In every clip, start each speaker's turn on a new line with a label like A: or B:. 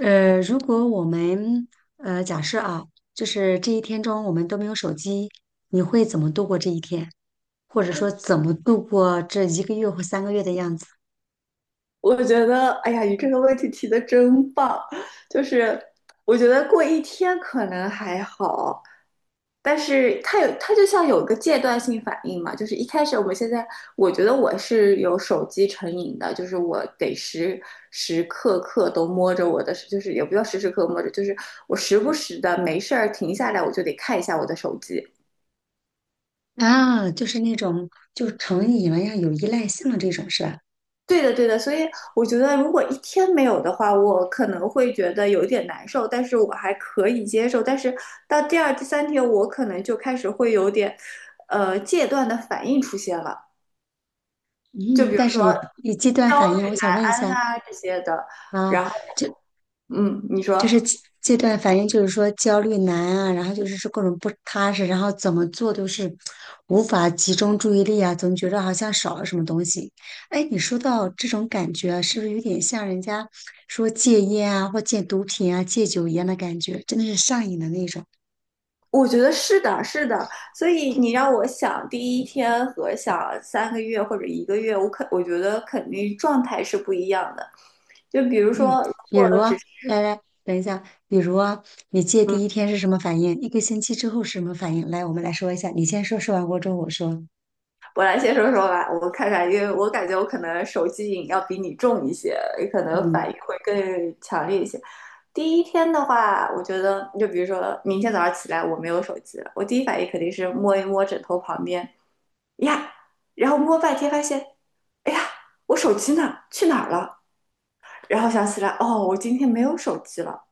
A: 如果我们假设,就是这一天中我们都没有手机，你会怎么度过这一天？或者说怎么度过这一个月或三个月的样子？
B: 我觉得，哎呀，你这个问题提的真棒。就是我觉得过一天可能还好，但是它有，它就像有个阶段性反应嘛。就是一开始，我们现在，我觉得我是有手机成瘾的，就是我得时时刻刻都摸着我的，就是也不要时时刻刻摸着，就是我时不时的没事儿停下来，我就得看一下我的手机。
A: 啊，就是那种就成瘾了呀，有依赖性的这种是吧？
B: 对的，对的，所以我觉得如果一天没有的话，我可能会觉得有一点难受，但是我还可以接受。但是到第二、第三天，我可能就开始会有点，戒断的反应出现了，就
A: 嗯，
B: 比如
A: 但
B: 说
A: 是你戒断反应，我想问一
B: 安
A: 下
B: 啊这些的。
A: 啊，
B: 然后，嗯，你说，
A: 就是这段，反应就是说焦虑难啊，然后就是说各种不踏实，然后怎么做都是无法集中注意力啊，总觉得好像少了什么东西。哎，你说到这种感觉啊是不是有点像人家说戒烟啊，或戒毒品啊、戒酒一样的感觉？真的是上瘾的那种。
B: 我觉得是的，是的。所以你让我想第一天和想三个月或者一个月，我觉得肯定状态是不一样的。就比如
A: 嗯，
B: 说，如
A: 比
B: 果
A: 如啊，
B: 只是
A: 来来，等一下，比如啊，你戒
B: 嗯。
A: 第一天是什么反应？一个星期之后是什么反应？来，我们来说一下，你先说，说完过之后我说。嗯
B: 我来先说说吧，我看看，因为我感觉我可能手机瘾要比你重一些，也可能反应会更强烈一些。第一天的话，我觉得就比如说明天早上起来我没有手机了，我第一反应肯定是摸一摸枕头旁边呀，然后摸半天发现，哎呀，我手机呢？去哪儿了？然后想起来，哦，我今天没有手机了。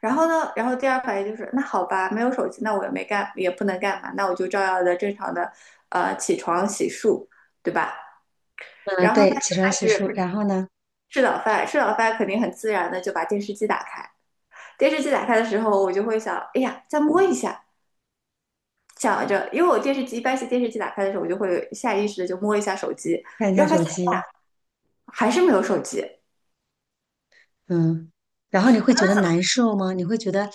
B: 然后呢，然后第二反应就是，那好吧，没有手机，那我也没干，也不能干嘛，那我就照样的正常的，起床洗漱，对吧？
A: 嗯，
B: 然后呢
A: 对，起
B: 就
A: 床
B: 开
A: 洗漱，
B: 始
A: 然后呢？
B: 吃早饭，吃早饭肯定很自然的就把电视机打开。电视机打开的时候，我就会想，哎呀，再摸一下，想着，因为我电视机一般是电视机打开的时候，我就会下意识的就摸一下手机，
A: 看一下
B: 然后发
A: 手
B: 现
A: 机，
B: 还是没有手机，
A: 嗯，然后你会觉得难受吗？你会觉得，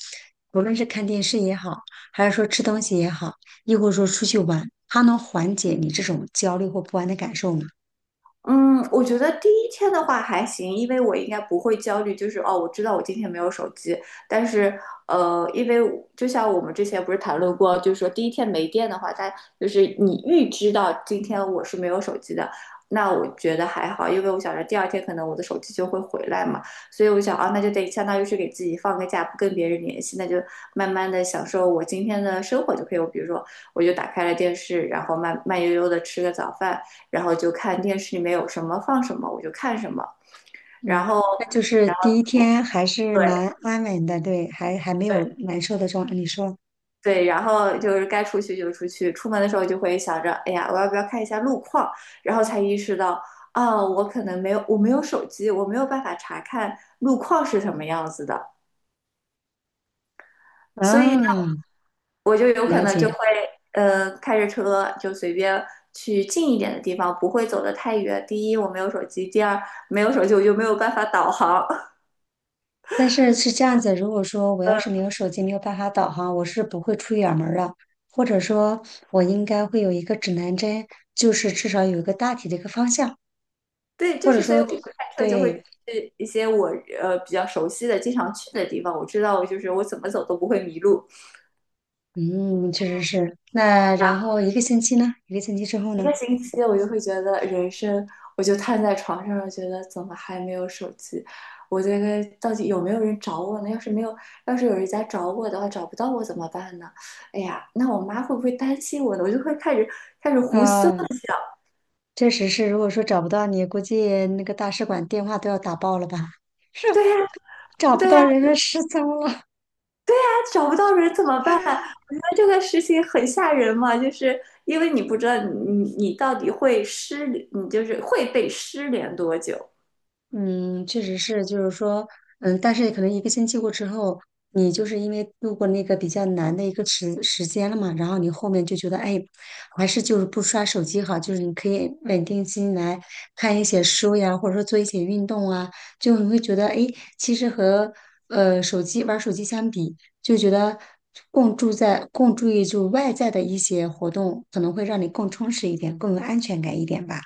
A: 无论是看电视也好，还是说吃东西也好，亦或者说出去玩，它能缓解你这种焦虑或不安的感受吗？
B: 嗯，我觉得第一天的话还行，因为我应该不会焦虑，就是哦，我知道我今天没有手机，但是因为我就像我们之前不是谈论过，就是说第一天没电的话，它就是你预知到今天我是没有手机的，那我觉得还好，因为我想着第二天可能我的手机就会回来嘛，所以我想啊，那就得相当于是给自己放个假，不跟别人联系，那就慢慢的享受我今天的生活就可以了。我比如说，我就打开了电视，然后慢慢悠悠的吃个早饭。然后就看电视里面有什么放什么，我就看什么，然
A: 嗯，
B: 后，
A: 那就是
B: 然
A: 第一
B: 后
A: 天还是
B: 对
A: 蛮安稳的，对，还没有
B: 对
A: 难受的状态。你说，
B: 对，然后就是该出去就出去，出门的时候就会想着，哎呀，我要不要看一下路况，然后才意识到。啊，我可能没有，我没有手机，我没有办法查看路况是什么样子的，所以呢，
A: 嗯，
B: 我就有可
A: 了
B: 能就
A: 解。
B: 会，开着车就随便去近一点的地方，不会走得太远。第一，我没有手机；第二，没有手机我就没有办法导航。
A: 但是是这样子，如果说我要是没有手机，没有办法导航，我是不会出远门儿的。或者说，我应该会有一个指南针，就是至少有一个大体的一个方向。
B: 对，
A: 或
B: 就
A: 者
B: 是所以
A: 说
B: 我就
A: 对
B: 开车就会
A: 对
B: 去一些我比较熟悉的、经常去的地方，我知道就是我怎么走都不会迷路。
A: 嗯，确实是。那
B: 然
A: 然
B: 后
A: 后一个星期呢？一个星期之后
B: 一
A: 呢？
B: 个星期，我就会觉得人生，我就瘫在床上，觉得怎么还没有手机？我这个到底有没有人找我呢？要是没有，要是有人家找我的话，找不到我怎么办呢？哎呀，那我妈会不会担心我呢？我就会开始胡思
A: 啊，
B: 乱想。
A: 确实是。如果说找不到你，估计那个大使馆电话都要打爆了吧？是
B: 对呀、
A: 找不
B: 对
A: 到
B: 呀、
A: 人了，失踪了。
B: 找不到人怎么办？我觉得这个事情很吓人嘛，就是因为你不知道你到底你就是会被失联多久。
A: 嗯，确实是，就是说，嗯，但是可能一个星期过之后，你就是因为度过那个比较难的一个时间了嘛，然后你后面就觉得，哎，还是就是不刷手机好，就是你可以稳定心来看一些书呀，或者说做一些运动啊，就你会觉得，哎，其实和手机玩手机相比，就觉得更注意就外在的一些活动，可能会让你更充实一点，更有安全感一点吧。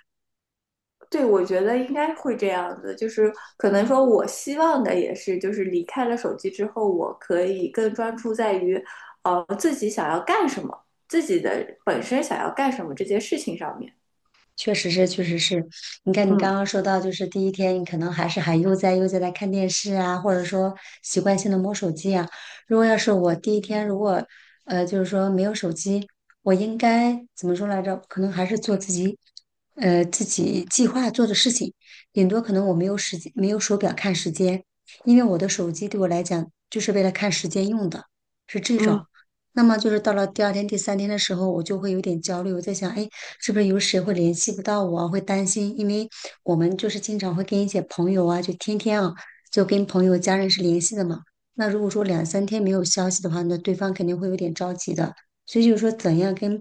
B: 对，我觉得应该会这样子，就是可能说，我希望的也是，就是离开了手机之后，我可以更专注在于，自己想要干什么，自己的本身想要干什么这件事情上面。
A: 确实是，确实是。你看，你
B: 嗯
A: 刚刚说到，就是第一天，你可能还是还悠哉悠哉在看电视啊，或者说习惯性的摸手机啊。如果要是我第一天，如果就是说没有手机，我应该怎么说来着？可能还是做自己自己计划做的事情，顶多可能我没有时间，没有手表看时间，因为我的手机对我来讲就是为了看时间用的，是这
B: 嗯，
A: 种。那么就是到了第二天、第三天的时候，我就会有点焦虑。我在想，哎，是不是有谁会联系不到我啊会担心，因为我们就是经常会跟一些朋友啊，就天天啊，就跟朋友、家人是联系的嘛。那如果说两三天没有消息的话，那对方肯定会有点着急的。所以就是说，怎样跟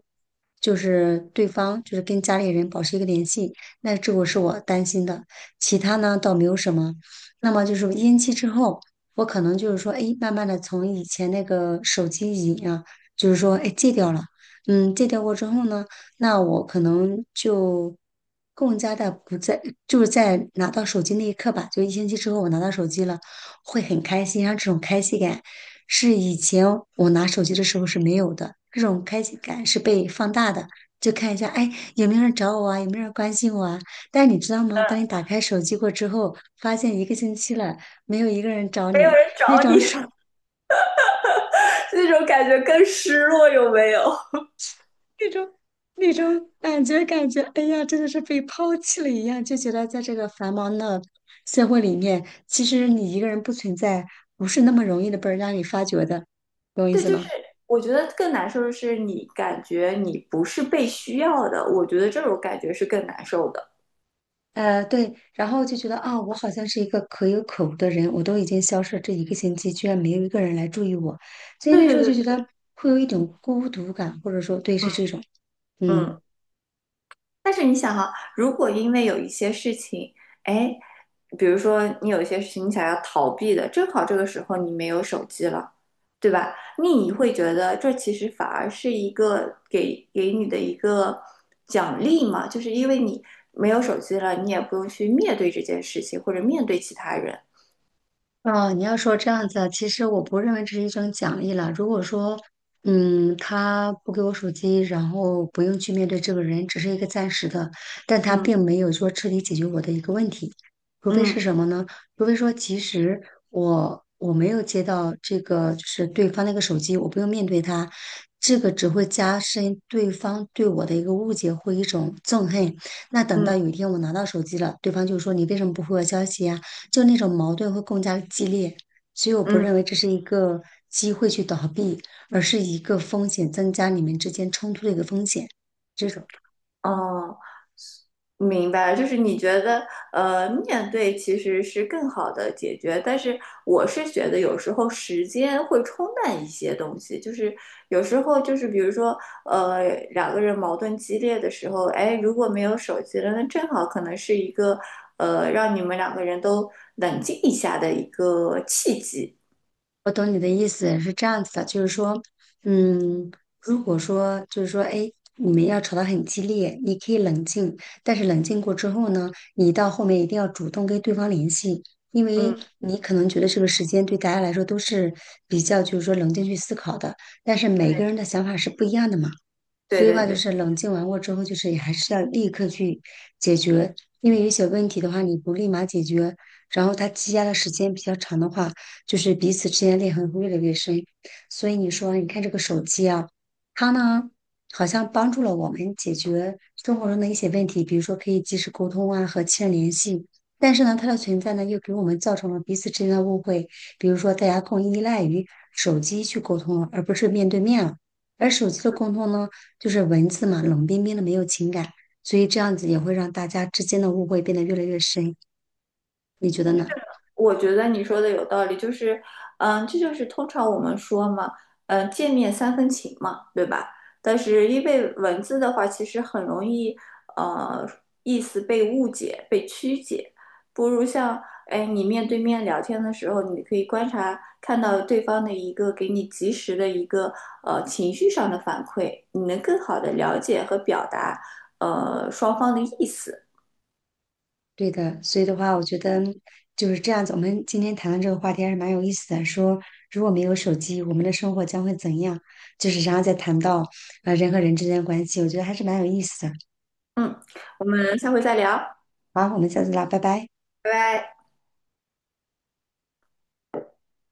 A: 就是对方，就是跟家里人保持一个联系，那这个是我担心的。其他呢，倒没有什么。那么就是烟期之后，我可能就是说，哎，慢慢的从以前那个手机瘾啊。就是说，哎，戒掉了，嗯，戒掉过之后呢，那我可能就更加的不在，就是在拿到手机那一刻吧，就一星期之后我拿到手机了，会很开心，然后这种开心感是以前我拿手机的时候是没有的，这种开心感是被放大的。就看一下，哎，有没有人找我啊？有没有人关心我啊？但是你知道吗？当你打开手机过之后，发现一个星期了，没有一个人找
B: 没有
A: 你，
B: 人
A: 那
B: 找
A: 种
B: 你，
A: 手
B: 那种感觉更失落，有没有？
A: 那种那种感觉，感觉，哎呀，真的是被抛弃了一样，就觉得在这个繁忙的社会里面，其实你一个人不存在，不是那么容易的被人家你发掘的，懂我意
B: 对，
A: 思
B: 就是
A: 吗？
B: 我觉得更难受的是，你感觉你不是被需要的，我觉得这种感觉是更难受的。
A: 对，然后就觉得啊，我好像是一个可有可无的人，我都已经消失了这一个星期，居然没有一个人来注意我，所以
B: 对
A: 那时
B: 对
A: 候就
B: 对，
A: 觉
B: 对
A: 得会有一种孤独感，或者说，对，是
B: 嗯。
A: 这种，
B: 嗯。
A: 嗯。
B: 但是你想哈、如果因为有一些事情，哎，比如说你有一些事情你想要逃避的，正好这个时候你没有手机了，对吧？你会觉得这其实反而是一个给你的一个奖励嘛，就是因为你没有手机了，你也不用去面对这件事情或者面对其他人。
A: 哦，你要说这样子啊其实我不认为这是一种奖励了。如果说，嗯，他不给我手机，然后不用去面对这个人，只是一个暂时的，但他并
B: 嗯
A: 没有说彻底解决我的一个问题。除非是
B: 嗯。
A: 什么呢？除非说，其实我没有接到这个，就是对方那个手机，我不用面对他，这个只会加深对方对我的一个误解或一种憎恨。那等
B: 嗯
A: 到有一天我拿到手机了，对方就说你为什么不回我消息呀？就那种矛盾会更加的激烈，所以我不
B: 嗯，
A: 认为这是一个机会去倒闭，而是一个风险增加，你们之间冲突的一个风险。这种
B: 哦，明白了，就是你觉得，面对其实是更好的解决，但是我是觉得有时候时间会冲淡一些东西，就是有时候就是比如说，呃，两个人矛盾激烈的时候，哎，如果没有手机了，那正好可能是一个，让你们两个人都冷静一下的一个契机。
A: 我懂你的意思是这样子的，就是说，嗯，如果说就是说，哎，你们要吵得很激烈，你可以冷静，但是冷静过之后呢，你到后面一定要主动跟对方联系。因为
B: 嗯，
A: 你可能觉得这个时间对大家来说都是比较，就是说冷静去思考的，但是每个人的想法是不一样的嘛。
B: 对
A: 所以
B: 对
A: 话就
B: 对。
A: 是冷静完过之后，就是也还是要立刻去解决，因为有一些问题的话，你不立马解决，然后它积压的时间比较长的话，就是彼此之间的裂痕会越来越深。所以你说，你看这个手机啊，它呢好像帮助了我们解决生活中的一些问题，比如说可以及时沟通啊，和亲人联系。但是呢，它的存在呢，又给我们造成了彼此之间的误会，比如说大家更依赖于手机去沟通了，而不是面对面了。而手机的沟通呢？就是文字嘛，冷冰冰的，没有情感，所以这样子也会让大家之间的误会变得越来越深，你觉得呢？
B: 我觉得你说的有道理，就是，嗯，这就是通常我们说嘛，嗯，见面三分情嘛，对吧？但是因为文字的话，其实很容易，呃，意思被误解、被曲解，不如像，哎，你面对面聊天的时候，你可以观察，看到对方的一个给你及时的一个，情绪上的反馈，你能更好的了解和表达，双方的意思。
A: 对的，所以的话，我觉得就是这样子。我们今天谈论这个话题还是蛮有意思的，说如果没有手机，我们的生活将会怎样？就是然后再谈到人和人之间的关系，我觉得还是蛮有意思的。
B: 嗯，我们下回再聊，
A: 好，我们下次聊，拜拜。
B: 拜拜。